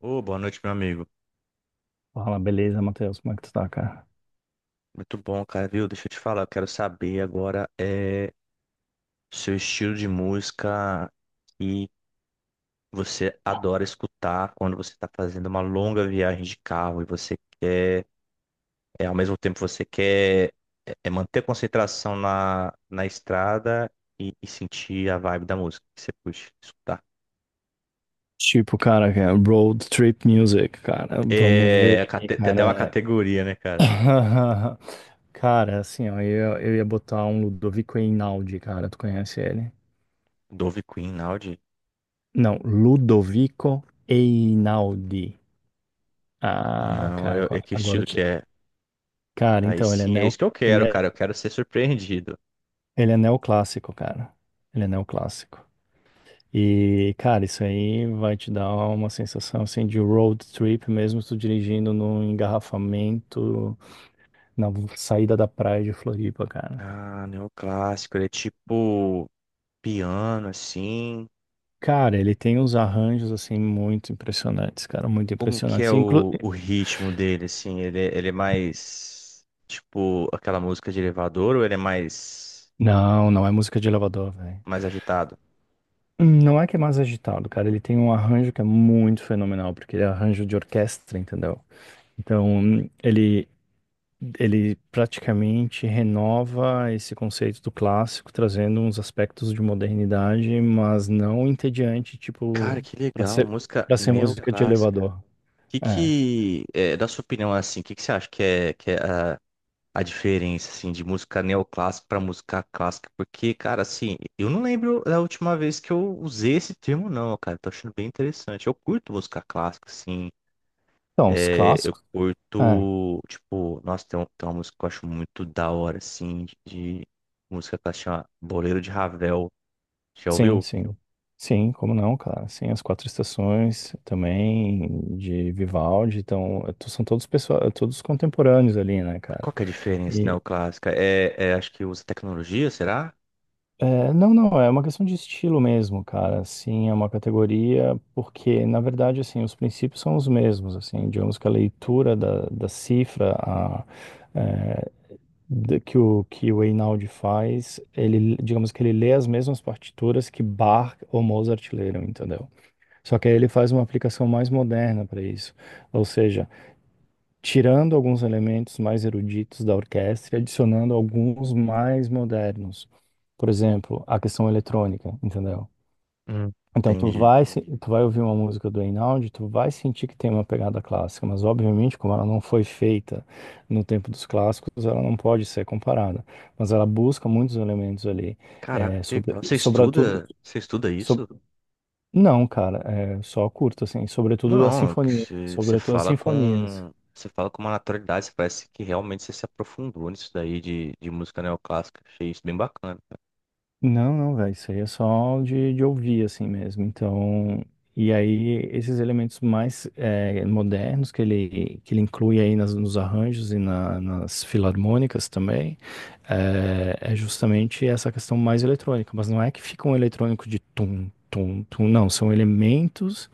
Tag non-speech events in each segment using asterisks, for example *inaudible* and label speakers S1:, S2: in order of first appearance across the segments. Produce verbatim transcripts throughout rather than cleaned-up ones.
S1: Ô, boa noite, meu amigo.
S2: Fala, beleza, Matheus? Como é que tu tá, cara?
S1: Muito bom, cara, viu? Deixa eu te falar, eu quero saber agora é seu estilo de música que você adora escutar quando você está fazendo uma longa viagem de carro e você quer, é, ao mesmo tempo você quer é, é, manter a concentração na, na estrada e, e sentir a vibe da música que você puxa, escutar.
S2: Tipo, cara, que é road trip music, cara. Vamos ver
S1: É, a
S2: aqui,
S1: cate- tem até uma
S2: cara.
S1: categoria, né, cara?
S2: *laughs* Cara, assim, ó, eu, eu ia botar um Ludovico Einaudi, cara. Tu conhece ele?
S1: Dove Queen, Audi?
S2: Não, Ludovico Einaudi. Ah,
S1: Não,
S2: cara,
S1: eu- é
S2: agora,
S1: que
S2: agora
S1: estilo
S2: eu te...
S1: que é?
S2: Cara,
S1: Aí
S2: então, ele é
S1: sim, é
S2: neo...
S1: isso que eu
S2: ele
S1: quero,
S2: é,
S1: cara. Eu quero ser surpreendido.
S2: ele é neoclássico, cara. Ele é neoclássico. E, cara, isso aí vai te dar uma sensação assim de road trip, mesmo tu dirigindo num engarrafamento na saída da praia de Floripa, cara.
S1: Ah, neoclássico, ele é tipo piano, assim.
S2: Cara, ele tem uns arranjos assim muito impressionantes, cara, muito
S1: Como que é
S2: impressionantes. Inclu...
S1: o, o ritmo dele, assim? Ele, é- ele é mais tipo aquela música de elevador ou ele é mais,
S2: Não, não é música de elevador, velho.
S1: mais agitado?
S2: Não é que é mais agitado, cara. Ele tem um arranjo que é muito fenomenal, porque ele é arranjo de orquestra, entendeu? Então, ele, Ele praticamente renova esse conceito do clássico, trazendo uns aspectos de modernidade, mas não entediante,
S1: Cara,
S2: tipo,
S1: que
S2: para
S1: legal,
S2: ser,
S1: música
S2: para ser música de
S1: neoclássica.
S2: elevador.
S1: Que
S2: É.
S1: que, é, da sua opinião, assim, o que que você acha que é, que é a a diferença, assim, de música neoclássica para música clássica, porque, cara, assim, eu não lembro da última vez que eu usei esse termo, não, cara, tô achando bem interessante. Eu curto música clássica, assim,
S2: Então, os
S1: é, eu
S2: clássicos. É,
S1: curto, tipo, nossa, tem, um- tem uma música que eu acho muito da hora, assim, de, de música clássica, chama Boleiro de Ravel, já
S2: sim,
S1: ouviu?
S2: sim. Sim, como não, cara? Sim, as quatro estações também, de Vivaldi, então, to- são todos pessoa, todos contemporâneos ali, né,
S1: Qual
S2: cara?
S1: que é a diferença
S2: E,
S1: neoclássica? É, é, acho que usa tecnologia, será?
S2: é, não, não, é uma questão de estilo mesmo, cara. Assim, é uma categoria, porque, na verdade, assim, os princípios são os mesmos, assim, digamos que a leitura da, da cifra a, é, da- que o, que o Einaudi faz, ele, digamos que ele lê as mesmas partituras que Bach ou Mozart leram, entendeu? Só que aí ele faz uma aplicação mais moderna para isso. Ou seja, tirando alguns elementos mais eruditos da orquestra e adicionando alguns mais modernos. Por exemplo, a questão eletrônica, entendeu?
S1: Hum.
S2: Então tu
S1: Entendi.
S2: vai, se- tu vai ouvir uma música do Einaudi, tu vai sentir que tem uma pegada clássica, mas obviamente como ela não foi feita no tempo dos clássicos, ela não pode ser comparada. Mas ela busca muitos elementos ali,
S1: Caraca,
S2: é,
S1: que
S2: sobre,
S1: legal. Você
S2: sobretudo,
S1: estuda, você estuda
S2: sob-
S1: isso?
S2: não, cara, é só curto assim, sobretudo a
S1: Não,
S2: sinfonia,
S1: você você
S2: sobretudo as
S1: fala
S2: sinfonias.
S1: com. Você fala com uma naturalidade, você parece que realmente você se aprofundou nisso daí de, de música neoclássica. Achei isso bem bacana, cara.
S2: Não, não, velho, isso aí é só de, de ouvir, assim mesmo. Então, e aí esses elementos mais eh, modernos que ele, que ele inclui aí nas- nos arranjos e na- nas filarmônicas também, eh, é, justamente essa questão mais eletrônica. Mas não é que fica um eletrônico de tum, tum, tum, não. São elementos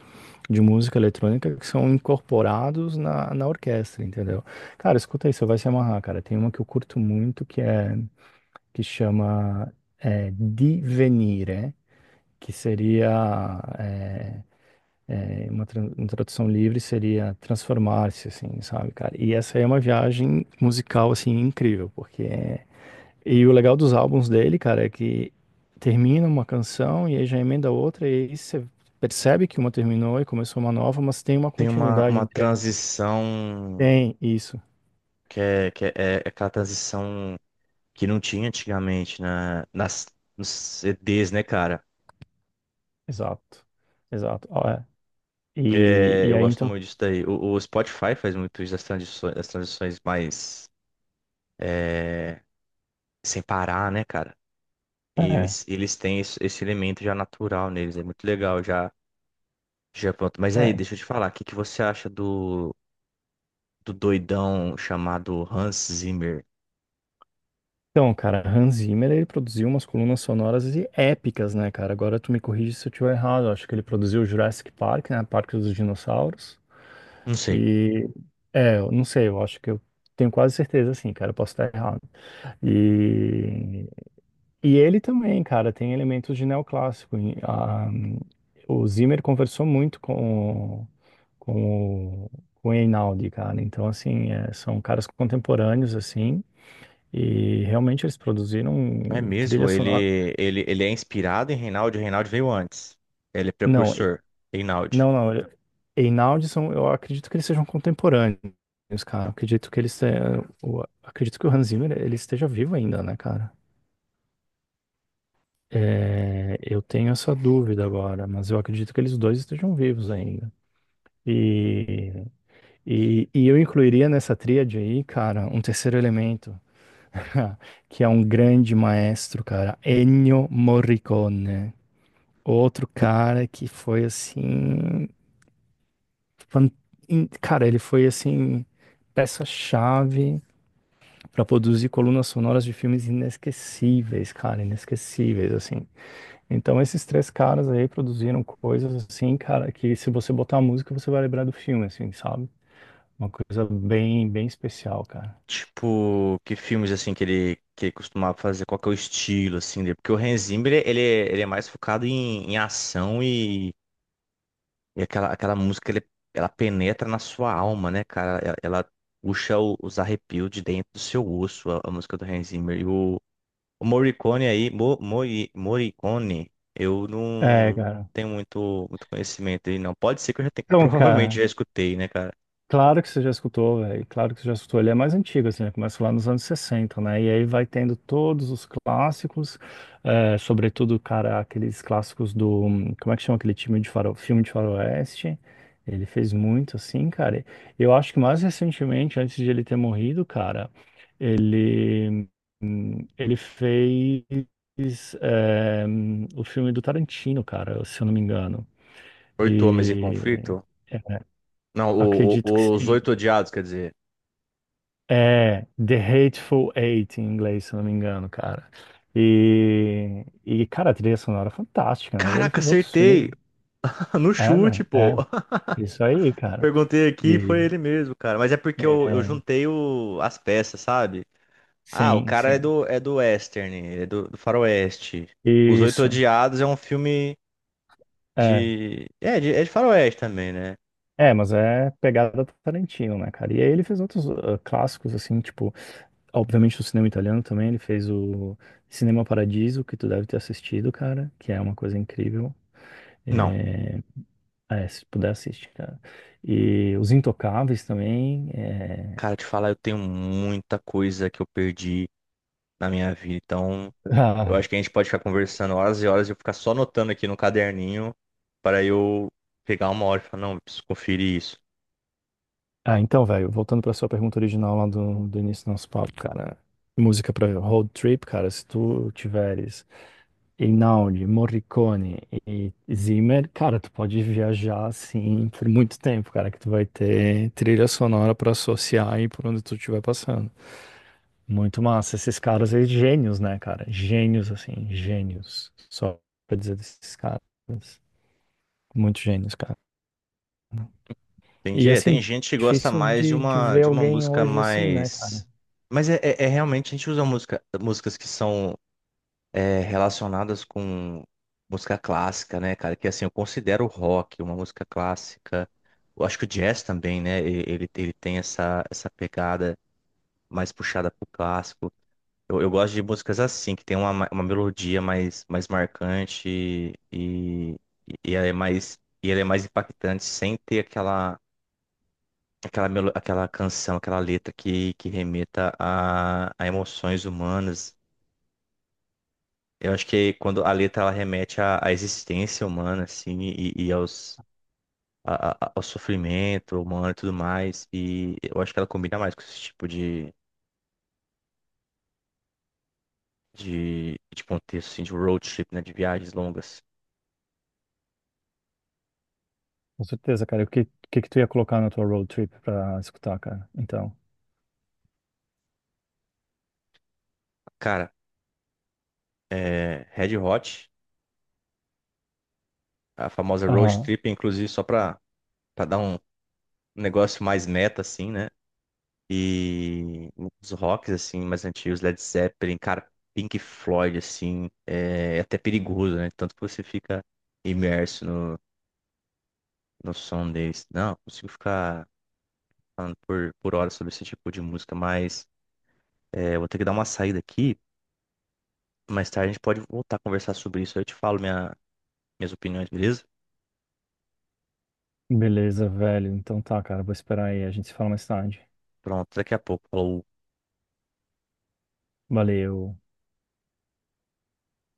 S2: de música eletrônica que são incorporados na, na orquestra, entendeu? Cara, escuta aí, você vai se amarrar, cara. Tem uma que eu curto muito que é que chama é, Divenire, que seria é, é, uma tran- uma tradução livre seria transformar-se, assim, sabe, cara? E essa aí é uma viagem musical assim incrível, porque é, e o legal dos álbuns dele, cara, é que termina uma canção e aí já emenda outra e aí você percebe que uma terminou e começou uma nova, mas tem uma
S1: Tem uma,
S2: continuidade
S1: uma
S2: entre
S1: transição
S2: tem isso,
S1: que é, que é, é aquela transição que não tinha antigamente na, nas, nos C Ds, né, cara?
S2: exato, exato, ó, é. E,
S1: É,
S2: e
S1: eu
S2: aí
S1: gosto
S2: então
S1: muito disso daí. O, o Spotify faz muito isso das transições, das transições mais é, sem parar, né, cara? E
S2: é.
S1: eles, eles têm esse, esse elemento já natural neles, é muito legal já. Já pronto. Mas aí,
S2: É.
S1: deixa eu te falar, o que que você acha do, do doidão chamado Hans Zimmer?
S2: Então, cara, Hans Zimmer, ele produziu umas colunas sonoras e épicas, né, cara? Agora tu me corrige se eu estiver errado. Eu acho que ele produziu Jurassic Park, né? Parque dos Dinossauros.
S1: Não sei.
S2: E é, eu não sei, eu acho que eu tenho quase certeza, assim, cara, eu posso estar errado. E, e ele também, cara, tem elementos de neoclássico. E, ah, o Zimmer conversou muito com, o- com, o- com o Einaudi, cara. Então, assim, é, são caras contemporâneos, assim e realmente eles
S1: É
S2: produziram trilha
S1: mesmo?
S2: sonora.
S1: Ele, ele, ele é inspirado em Reinaldo. Reinaldo veio antes. Ele é
S2: Não, e-
S1: precursor. Reinaldo.
S2: não, não. Ele- Einaudi são, eu acredito que eles sejam contemporâneos, cara. Eu acredito que eles tenham, o- acredito que o Hans Zimmer ele esteja vivo ainda, né, cara? É, eu tenho essa dúvida agora, mas eu acredito que eles dois estejam vivos ainda. E, e, e eu incluiria nessa tríade aí, cara, um terceiro elemento, *laughs* que é um grande maestro, cara, Ennio Morricone. Outro cara que foi assim, fan- in- cara, ele foi assim peça-chave para produzir colunas sonoras de filmes inesquecíveis, cara, inesquecíveis assim. Então esses três caras aí produziram coisas assim, cara, que se você botar a música você vai lembrar do filme, assim, sabe? Uma coisa bem, bem especial, cara.
S1: Tipo, que filmes assim que ele, que ele costumava fazer? Qual que é o estilo assim dele? Porque o Hans Zimmer, ele, é- ele é mais focado em, em ação e, e aquela, aquela música, ele, ela penetra na sua alma, né, cara? Ela, ela puxa o- os arrepios de dentro do seu osso, a, a música do Hans Zimmer. E o O Morricone aí, Mo, Mori- Morricone, eu
S2: É,
S1: não
S2: cara.
S1: tenho muito, muito conhecimento dele, não. Pode ser que eu já tenha, *laughs*
S2: Então,
S1: provavelmente
S2: cara.
S1: já escutei, né, cara?
S2: Claro que você já escutou, velho. Claro que você já escutou. Ele é mais antigo, assim, né? Começa lá nos anos sessenta, né? E aí vai tendo todos os clássicos, eh, sobretudo, cara, aqueles clássicos do. hum, Como é que chama aquele time de faro... filme de faroeste? Ele fez muito, assim, cara. Eu acho que mais recentemente, antes de ele ter morrido, cara, ele. hum, Ele fez. eh, hum, o filme do Tarantino, cara, se eu não me engano.
S1: Oito Homens em
S2: E.
S1: Conflito?
S2: é,
S1: Não, o-
S2: acredito que
S1: o- Os
S2: sim.
S1: Oito Odiados, quer dizer.
S2: É, The Hateful Eight em inglês, se não me engano, cara. E, e cara, a trilha sonora é fantástica, né? E ele
S1: Caraca,
S2: fez outros filmes.
S1: acertei! *laughs* No
S2: É,
S1: chute,
S2: velho,
S1: pô!
S2: é.
S1: *laughs*
S2: Isso aí, cara.
S1: Perguntei aqui, e foi
S2: E,
S1: ele mesmo, cara. Mas é porque eu, eu
S2: é,
S1: juntei o- as peças, sabe? Ah, o
S2: sim,
S1: cara é
S2: sim.
S1: do, é do Western, ele é do, do Faroeste. Os Oito
S2: Isso.
S1: Odiados é um filme
S2: É.
S1: de. É, de, é de Faroeste também, né?
S2: É, mas é pegada Tarantino, né, cara? E aí ele fez outros ah, clássicos, assim, tipo, obviamente do cinema italiano também, ele fez o Cinema Paradiso, que tu deve ter assistido, cara, que é uma coisa incrível.
S1: Não.
S2: É, é, se puder assistir, cara. E Os Intocáveis também. É.
S1: Cara, te falar, eu tenho muita coisa que eu perdi na minha vida. Então,
S2: *laughs*
S1: eu acho que a gente pode ficar conversando horas e horas e eu ficar só anotando aqui no caderninho para eu pegar uma hora e falar, não, preciso conferir isso.
S2: Ah, ah, então, velho, voltando pra sua pergunta original lá do, do início do nosso papo, cara. Música pra road trip, cara, se tu tiveres Einaudi, Morricone e Zimmer, cara, tu pode viajar assim por muito tempo, cara, que tu vai ter trilha sonora pra associar aí por onde tu estiver passando. Muito massa. Esses caras aí, gênios, né, cara? Gênios, assim, gênios. Só pra dizer desses caras. Muito gênios, cara.
S1: Tem,
S2: E,
S1: dia- tem
S2: assim,
S1: gente que gosta
S2: difícil
S1: mais de
S2: de, de
S1: uma,
S2: ver
S1: de uma
S2: alguém
S1: música
S2: hoje assim, né, cara?
S1: mais. Mas é, é- é realmente, a gente usa música, músicas que são é, relacionadas com música clássica, né, cara? Que assim, eu considero o rock uma música clássica. Eu acho que o jazz também, né? e- Ele, ele tem essa, essa pegada mais puxada pro clássico. Eu, eu gosto de músicas assim, que tem uma, ma- uma melodia mais, mais marcante e, e, e ela é mais, e ela é mais impactante sem ter aquela, aquela, melo, aquela canção, aquela letra que, que remeta a, a emoções humanas. Eu acho que quando a letra ela remete à, à existência humana, assim, e, e aos, a- a- ao sofrimento humano e tudo mais, e eu acho que ela combina mais com esse tipo de, de, de contexto, assim, de road trip, né, de viagens longas.
S2: Com certeza, cara. O que, que que tu ia colocar na tua road trip pra escutar, cara? Então.
S1: Cara, é, Red Hot, a famosa road
S2: Aham.
S1: trip, inclusive só pra, pra dar um negócio mais meta, assim, né? E os rocks, assim, mais antigos, Led Zeppelin, cara, Pink Floyd, assim, é é até perigoso, né? Tanto que você fica imerso no, no som deles. Não, consigo ficar falando por, por horas sobre esse tipo de música, mas é, vou ter que dar uma saída aqui. Mais tarde a gente pode voltar a conversar sobre isso. Eu te falo minha- minhas opiniões, beleza?
S2: Beleza, velho. Então tá, cara. Vou esperar aí. A gente se fala mais tarde.
S1: Pronto, daqui a pouco. Falou.
S2: Valeu.